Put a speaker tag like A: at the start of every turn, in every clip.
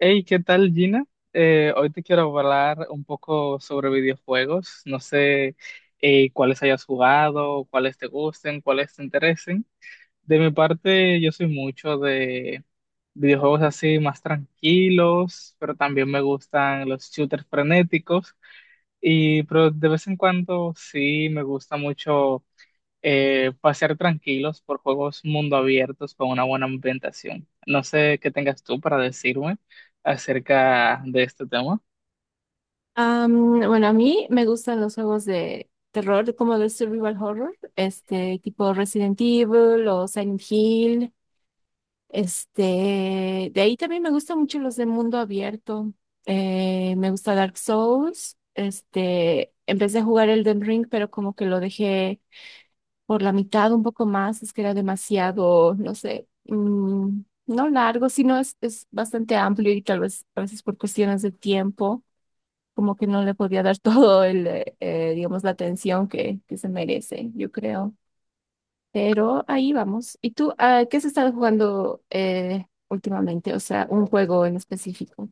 A: Hey, ¿qué tal, Gina? Hoy te quiero hablar un poco sobre videojuegos. No sé cuáles hayas jugado, cuáles te gusten, cuáles te interesen. De mi parte, yo soy mucho de videojuegos así más tranquilos, pero también me gustan los shooters frenéticos. Y pero de vez en cuando sí me gusta mucho pasear tranquilos por juegos mundo abiertos con una buena ambientación. No sé qué tengas tú para decirme acerca de este tema.
B: Bueno, a mí me gustan los juegos de terror, como de survival horror, este tipo Resident Evil o Silent Hill. Este, de ahí también me gustan mucho los de mundo abierto. Me gusta Dark Souls. Este, empecé a jugar Elden Ring, pero como que lo dejé por la mitad un poco más, es que era demasiado, no sé, no largo, sino es bastante amplio y tal vez a veces por cuestiones de tiempo como que no le podía dar todo el, digamos, la atención que se merece, yo creo. Pero ahí vamos. ¿Y tú, ah, qué has estado jugando últimamente? O sea, un juego en específico.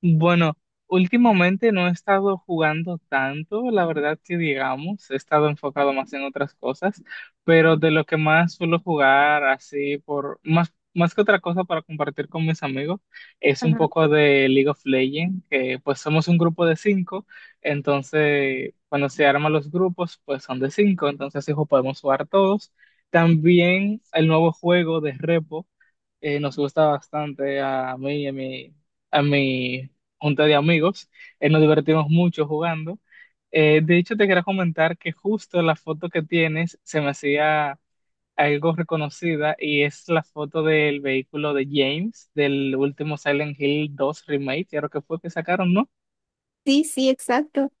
A: Bueno, últimamente no he estado jugando tanto, la verdad que digamos, he estado enfocado más en otras cosas, pero de lo que más suelo jugar así por más que otra cosa para compartir con mis amigos es un
B: Ajá.
A: poco de League of Legends, que pues somos un grupo de 5, entonces cuando se arman los grupos pues son de 5, entonces hijo podemos jugar todos. También el nuevo juego de Repo nos gusta bastante a mí y a mi junta de amigos. Nos divertimos mucho jugando. De hecho, te quería comentar que justo la foto que tienes se me hacía algo reconocida y es la foto del vehículo de James del último Silent Hill dos Remake, creo que fue que sacaron, ¿no?
B: Sí, sí, exacto.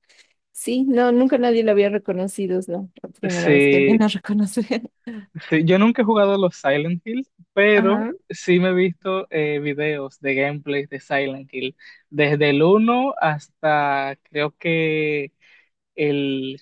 B: Sí, no, nunca nadie lo había reconocido, es la primera vez que alguien
A: Sí,
B: lo reconoce.
A: sí, yo nunca he jugado los Silent Hill, pero
B: Ajá.
A: sí me he visto videos de gameplay de Silent Hill, desde el uno hasta creo que el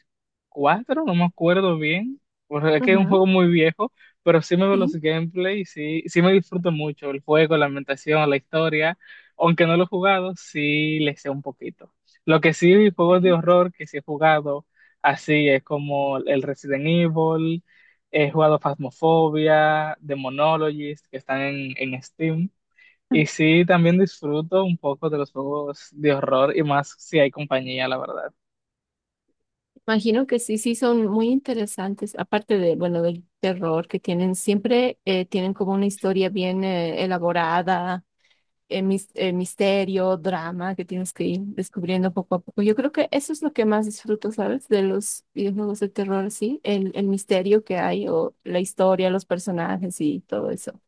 A: 4 no me acuerdo bien, porque es que es un
B: Ajá.
A: juego muy viejo, pero sí me veo los
B: Sí.
A: gameplay sí, sí me disfruto mucho el juego, la ambientación, la historia, aunque no lo he jugado, sí le sé un poquito. Lo que sí, juegos de horror que sí he jugado, así es como el Resident Evil, he jugado Phasmophobia, Demonologist, que están en Steam. Y sí, también disfruto un poco de los juegos de horror y más si hay compañía, la verdad.
B: Imagino que sí, sí, son muy interesantes. Aparte de, bueno, del terror que tienen, siempre tienen como una historia bien elaborada, misterio, drama que tienes que ir descubriendo poco a poco. Yo creo que eso es lo que más disfruto, ¿sabes? De los videojuegos de terror, sí, el misterio que hay o la historia, los personajes y todo eso.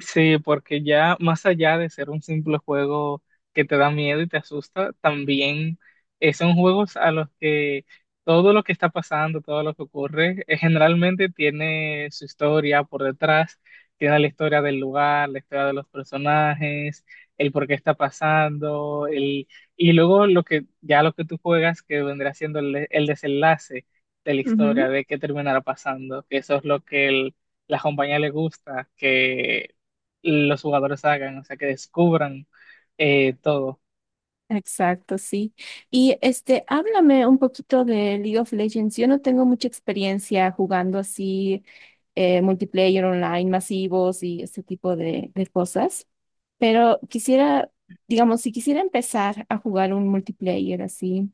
A: Sí, porque ya más allá de ser un simple juego que te da miedo y te asusta, también son juegos a los que todo lo que está pasando, todo lo que ocurre, generalmente tiene su historia por detrás, tiene la historia del lugar, la historia de los personajes, el por qué está pasando, el, y luego lo que ya lo que tú juegas que vendrá siendo el desenlace de la
B: Ujú.
A: historia, de qué terminará pasando, que eso es lo que el la compañía le gusta, que los jugadores hagan, o sea, que descubran todo.
B: Exacto, sí. Y este, háblame un poquito de League of Legends. Yo no tengo mucha experiencia jugando así multiplayer online masivos y este tipo de cosas. Pero quisiera, digamos, si quisiera empezar a jugar un multiplayer así,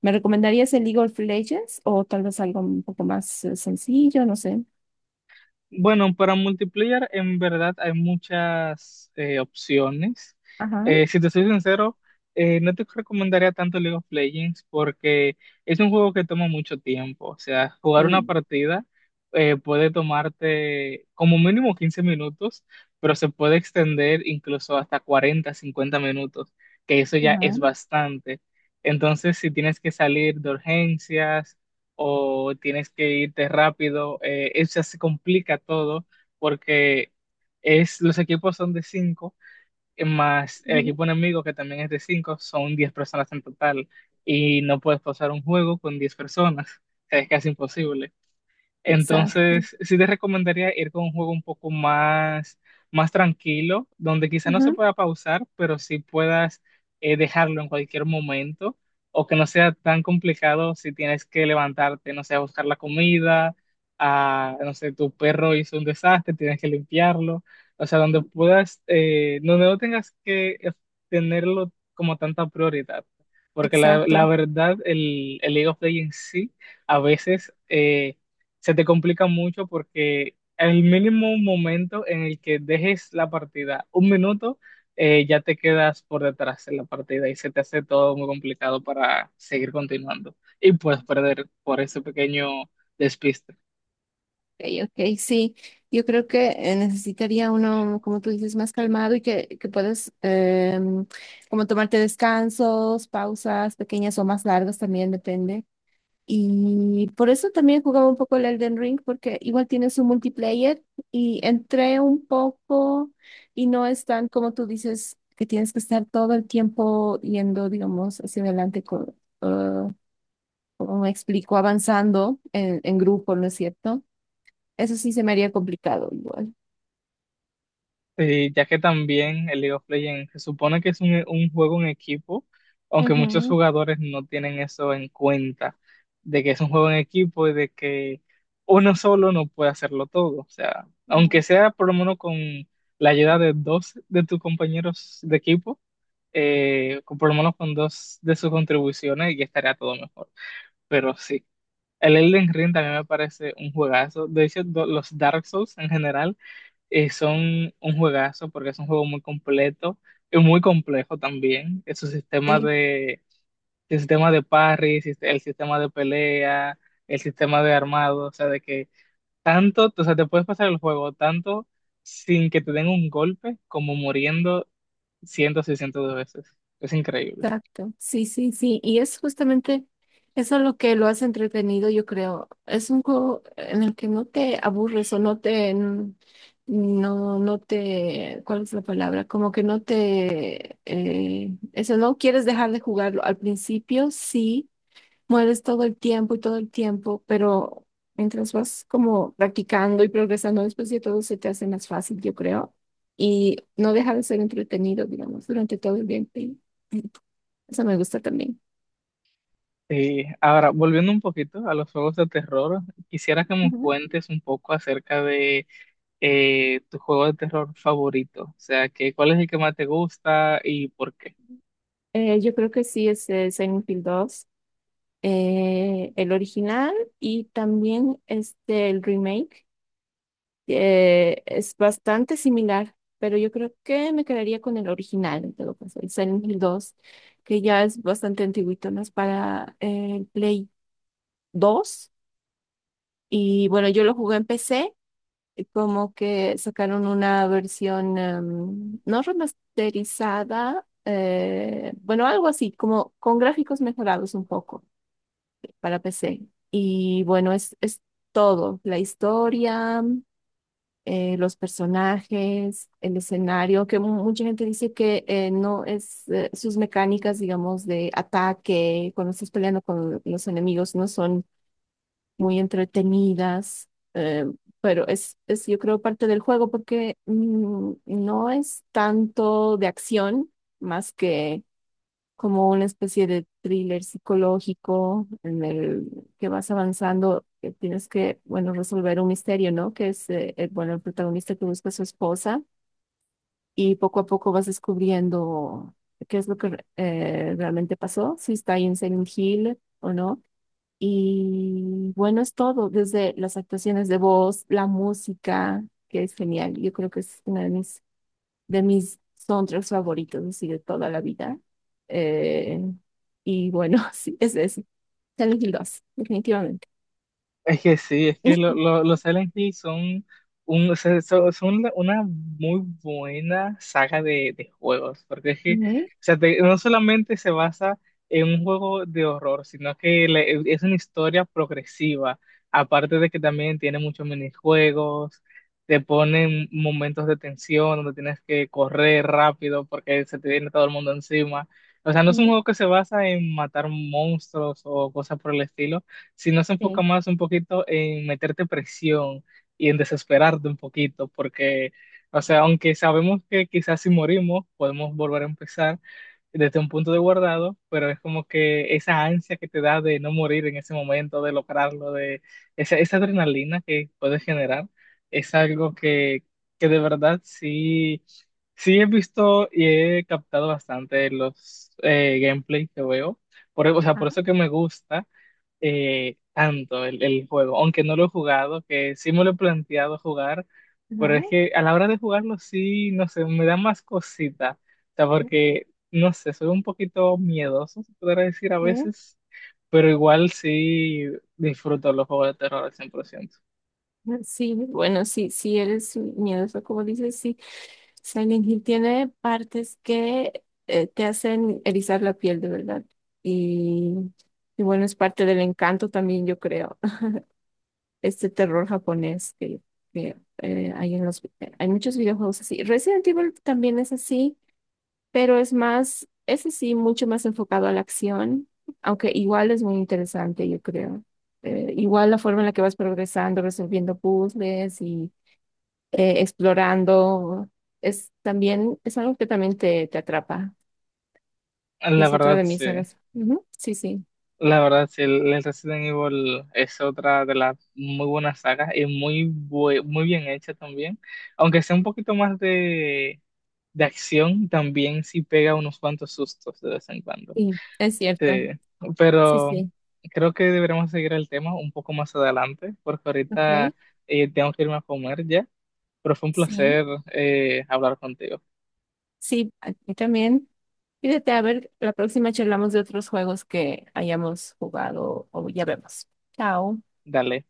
B: ¿me recomendarías el League of Legends o tal vez algo un poco más sencillo? No sé.
A: Bueno, para multiplayer en verdad hay muchas opciones.
B: Ajá,
A: Si te soy sincero, no te recomendaría tanto League of Legends porque es un juego que toma mucho tiempo. O sea, jugar una
B: sí,
A: partida puede tomarte como mínimo 15 minutos, pero se puede extender incluso hasta 40, 50 minutos, que eso ya
B: ajá,
A: es bastante. Entonces, si tienes que salir de urgencias, o tienes que irte rápido. Eso se complica todo porque es, los equipos son de 5, más el
B: ujú.
A: equipo enemigo que también es de 5, son 10 personas en total y no puedes pasar un juego con 10 personas. O sea, es casi imposible.
B: Exacto.
A: Entonces, sí te recomendaría ir con un juego un poco más, más tranquilo, donde quizá no se
B: Ujú.
A: pueda pausar, pero sí puedas dejarlo en cualquier momento, o que no sea tan complicado si tienes que levantarte, no sé, a buscar la comida, a, no sé, tu perro hizo un desastre, tienes que limpiarlo, o sea, donde puedas, donde no tengas que tenerlo como tanta prioridad, porque la
B: Exacto.
A: verdad, el League of Legends sí a veces se te complica mucho porque el mínimo momento en el que dejes la partida, un minuto, ya te quedas por detrás en la partida y se te hace todo muy complicado para seguir continuando y puedes perder por ese pequeño despiste.
B: Ok, ok, sí, yo creo que necesitaría uno, como tú dices, más calmado y que puedas como tomarte descansos, pausas pequeñas o más largas también depende. Y por eso también jugaba un poco el Elden Ring porque igual tiene su multiplayer y entré un poco y no es tan como tú dices que tienes que estar todo el tiempo yendo, digamos, hacia adelante con, eh, como me explico, avanzando en grupo, ¿no es cierto? Eso sí se me haría complicado igual.
A: Sí, ya que también el League of Legends se supone que es un juego en equipo, aunque muchos
B: Ujú,
A: jugadores no tienen eso en cuenta, de que es un juego en equipo y de que uno solo no puede hacerlo todo. O sea, aunque
B: ujú.
A: sea por lo menos con la ayuda de dos de tus compañeros de equipo, por lo menos con dos de sus contribuciones, ya estaría todo mejor. Pero sí. El Elden Ring también me parece un juegazo. De hecho, los Dark Souls en general son un juegazo porque es un juego muy completo y muy complejo también. Es su sistema
B: Sí,
A: de, el sistema de parry, el sistema de pelea, el sistema de armado, o sea, de que tanto, o sea, te puedes pasar el juego tanto sin que te den un golpe como muriendo cientos y cientos de veces. Es increíble.
B: exacto. Sí, sí, sí. Y es justamente eso lo que lo hace entretenido, yo creo. Es un juego en el que no te aburres o no te, no, no te, ¿cuál es la palabra? Como que no te, eso, no quieres dejar de jugarlo. Al principio sí. Mueres todo el tiempo y todo el tiempo, pero mientras vas como practicando y progresando, después de todo se te hace más fácil, yo creo, y no deja de ser entretenido, digamos, durante todo el gameplay. Eso me gusta también.
A: Sí, ahora volviendo un poquito a los juegos de terror, quisiera que me
B: Ujú.
A: cuentes un poco acerca de tu juego de terror favorito, o sea, que, ¿cuál es el que más te gusta y por qué?
B: Yo creo que sí es Silent Hill 2, el original y también este, el remake. Es bastante similar, pero yo creo que me quedaría con el original, en todo caso, el Silent Hill 2, que ya es bastante antiguito, ¿no? Es para el Play 2. Y bueno, yo lo jugué en PC, y como que sacaron una versión no remasterizada, bueno, algo así, como con gráficos mejorados un poco para PC. Y bueno, es todo, la historia. Los personajes, el escenario, que mucha gente dice que no es sus mecánicas, digamos, de ataque, cuando estás peleando con los enemigos, no son muy entretenidas, pero es, yo creo, parte del juego porque no es tanto de acción, más que como una especie de thriller psicológico en el que vas avanzando, que tienes que, bueno, resolver un misterio, ¿no? Que es, bueno, el protagonista que busca a su esposa y poco a poco vas descubriendo qué es lo que realmente pasó, si está ahí en Silent Hill o no. Y bueno, es todo, desde las actuaciones de voz, la música, que es genial. Yo creo que es una de mis soundtracks favoritos, así de toda la vida. Eh, y bueno, sí, es eso. Silent Hill 2, definitivamente.
A: Es que sí, es que los Silent Hill son, un, o sea, son una muy buena saga de juegos, porque es que, o
B: Ujú,
A: sea, no solamente se basa en un juego de horror, sino que es una historia progresiva, aparte de que también tiene muchos minijuegos, te ponen momentos de tensión donde tienes que correr rápido porque se te viene todo el mundo encima. O sea, no es un
B: ujú,
A: juego que se basa en matar monstruos o cosas por el estilo sino se enfoca
B: sí.
A: más un poquito en meterte presión y en desesperarte un poquito, porque, o sea, aunque sabemos que quizás si morimos podemos volver a empezar desde un punto de guardado, pero es como que esa ansia que te da de no morir en ese momento, de lograrlo, de esa, esa adrenalina que puedes generar, es algo que de verdad sí, sí he visto y he captado bastante los gameplay que veo. Por, o sea, por
B: Ajá,
A: eso que me gusta, tanto el juego, aunque no lo he jugado, que sí me lo he planteado jugar,
B: ajá,
A: pero es que a la hora de jugarlo sí, no sé, me da más cosita, o sea,
B: ujú,
A: porque, no sé, soy un poquito miedoso, se podría decir a
B: eh,
A: veces, pero igual sí disfruto los juegos de terror al 100%.
B: ujú. Sí, bueno, sí, sí eres miedoso, como dices, sí. Silent Hill tiene partes que te hacen erizar la piel, de verdad. Y, y bueno, es parte del encanto también, yo creo. Este terror japonés que, eh, hay en los, hay muchos videojuegos así. Resident Evil también es así, pero es más, es así, mucho más enfocado a la acción, aunque igual es muy interesante, yo creo. Igual la forma en la que vas progresando, resolviendo puzzles y explorando, es también, es algo que también te atrapa.
A: La
B: Es otra
A: verdad,
B: de mis
A: sí.
B: sagas. Ujú. Sí, sí,
A: La verdad, sí, el Resident Evil es otra de las muy buenas sagas y muy, muy bien hecha también. Aunque sea un poquito más de acción, también sí pega unos cuantos sustos de vez en cuando.
B: sí, es cierto.
A: Sí,
B: Sí,
A: pero
B: sí.
A: creo que deberíamos seguir el tema un poco más adelante, porque
B: Ok.
A: ahorita tengo que irme a comer ya. Pero fue un
B: Sí.
A: placer hablar contigo.
B: Sí, a mí también. Fíjate, a ver, la próxima charlamos de otros juegos que hayamos jugado o ya vemos. Chao.
A: Dale.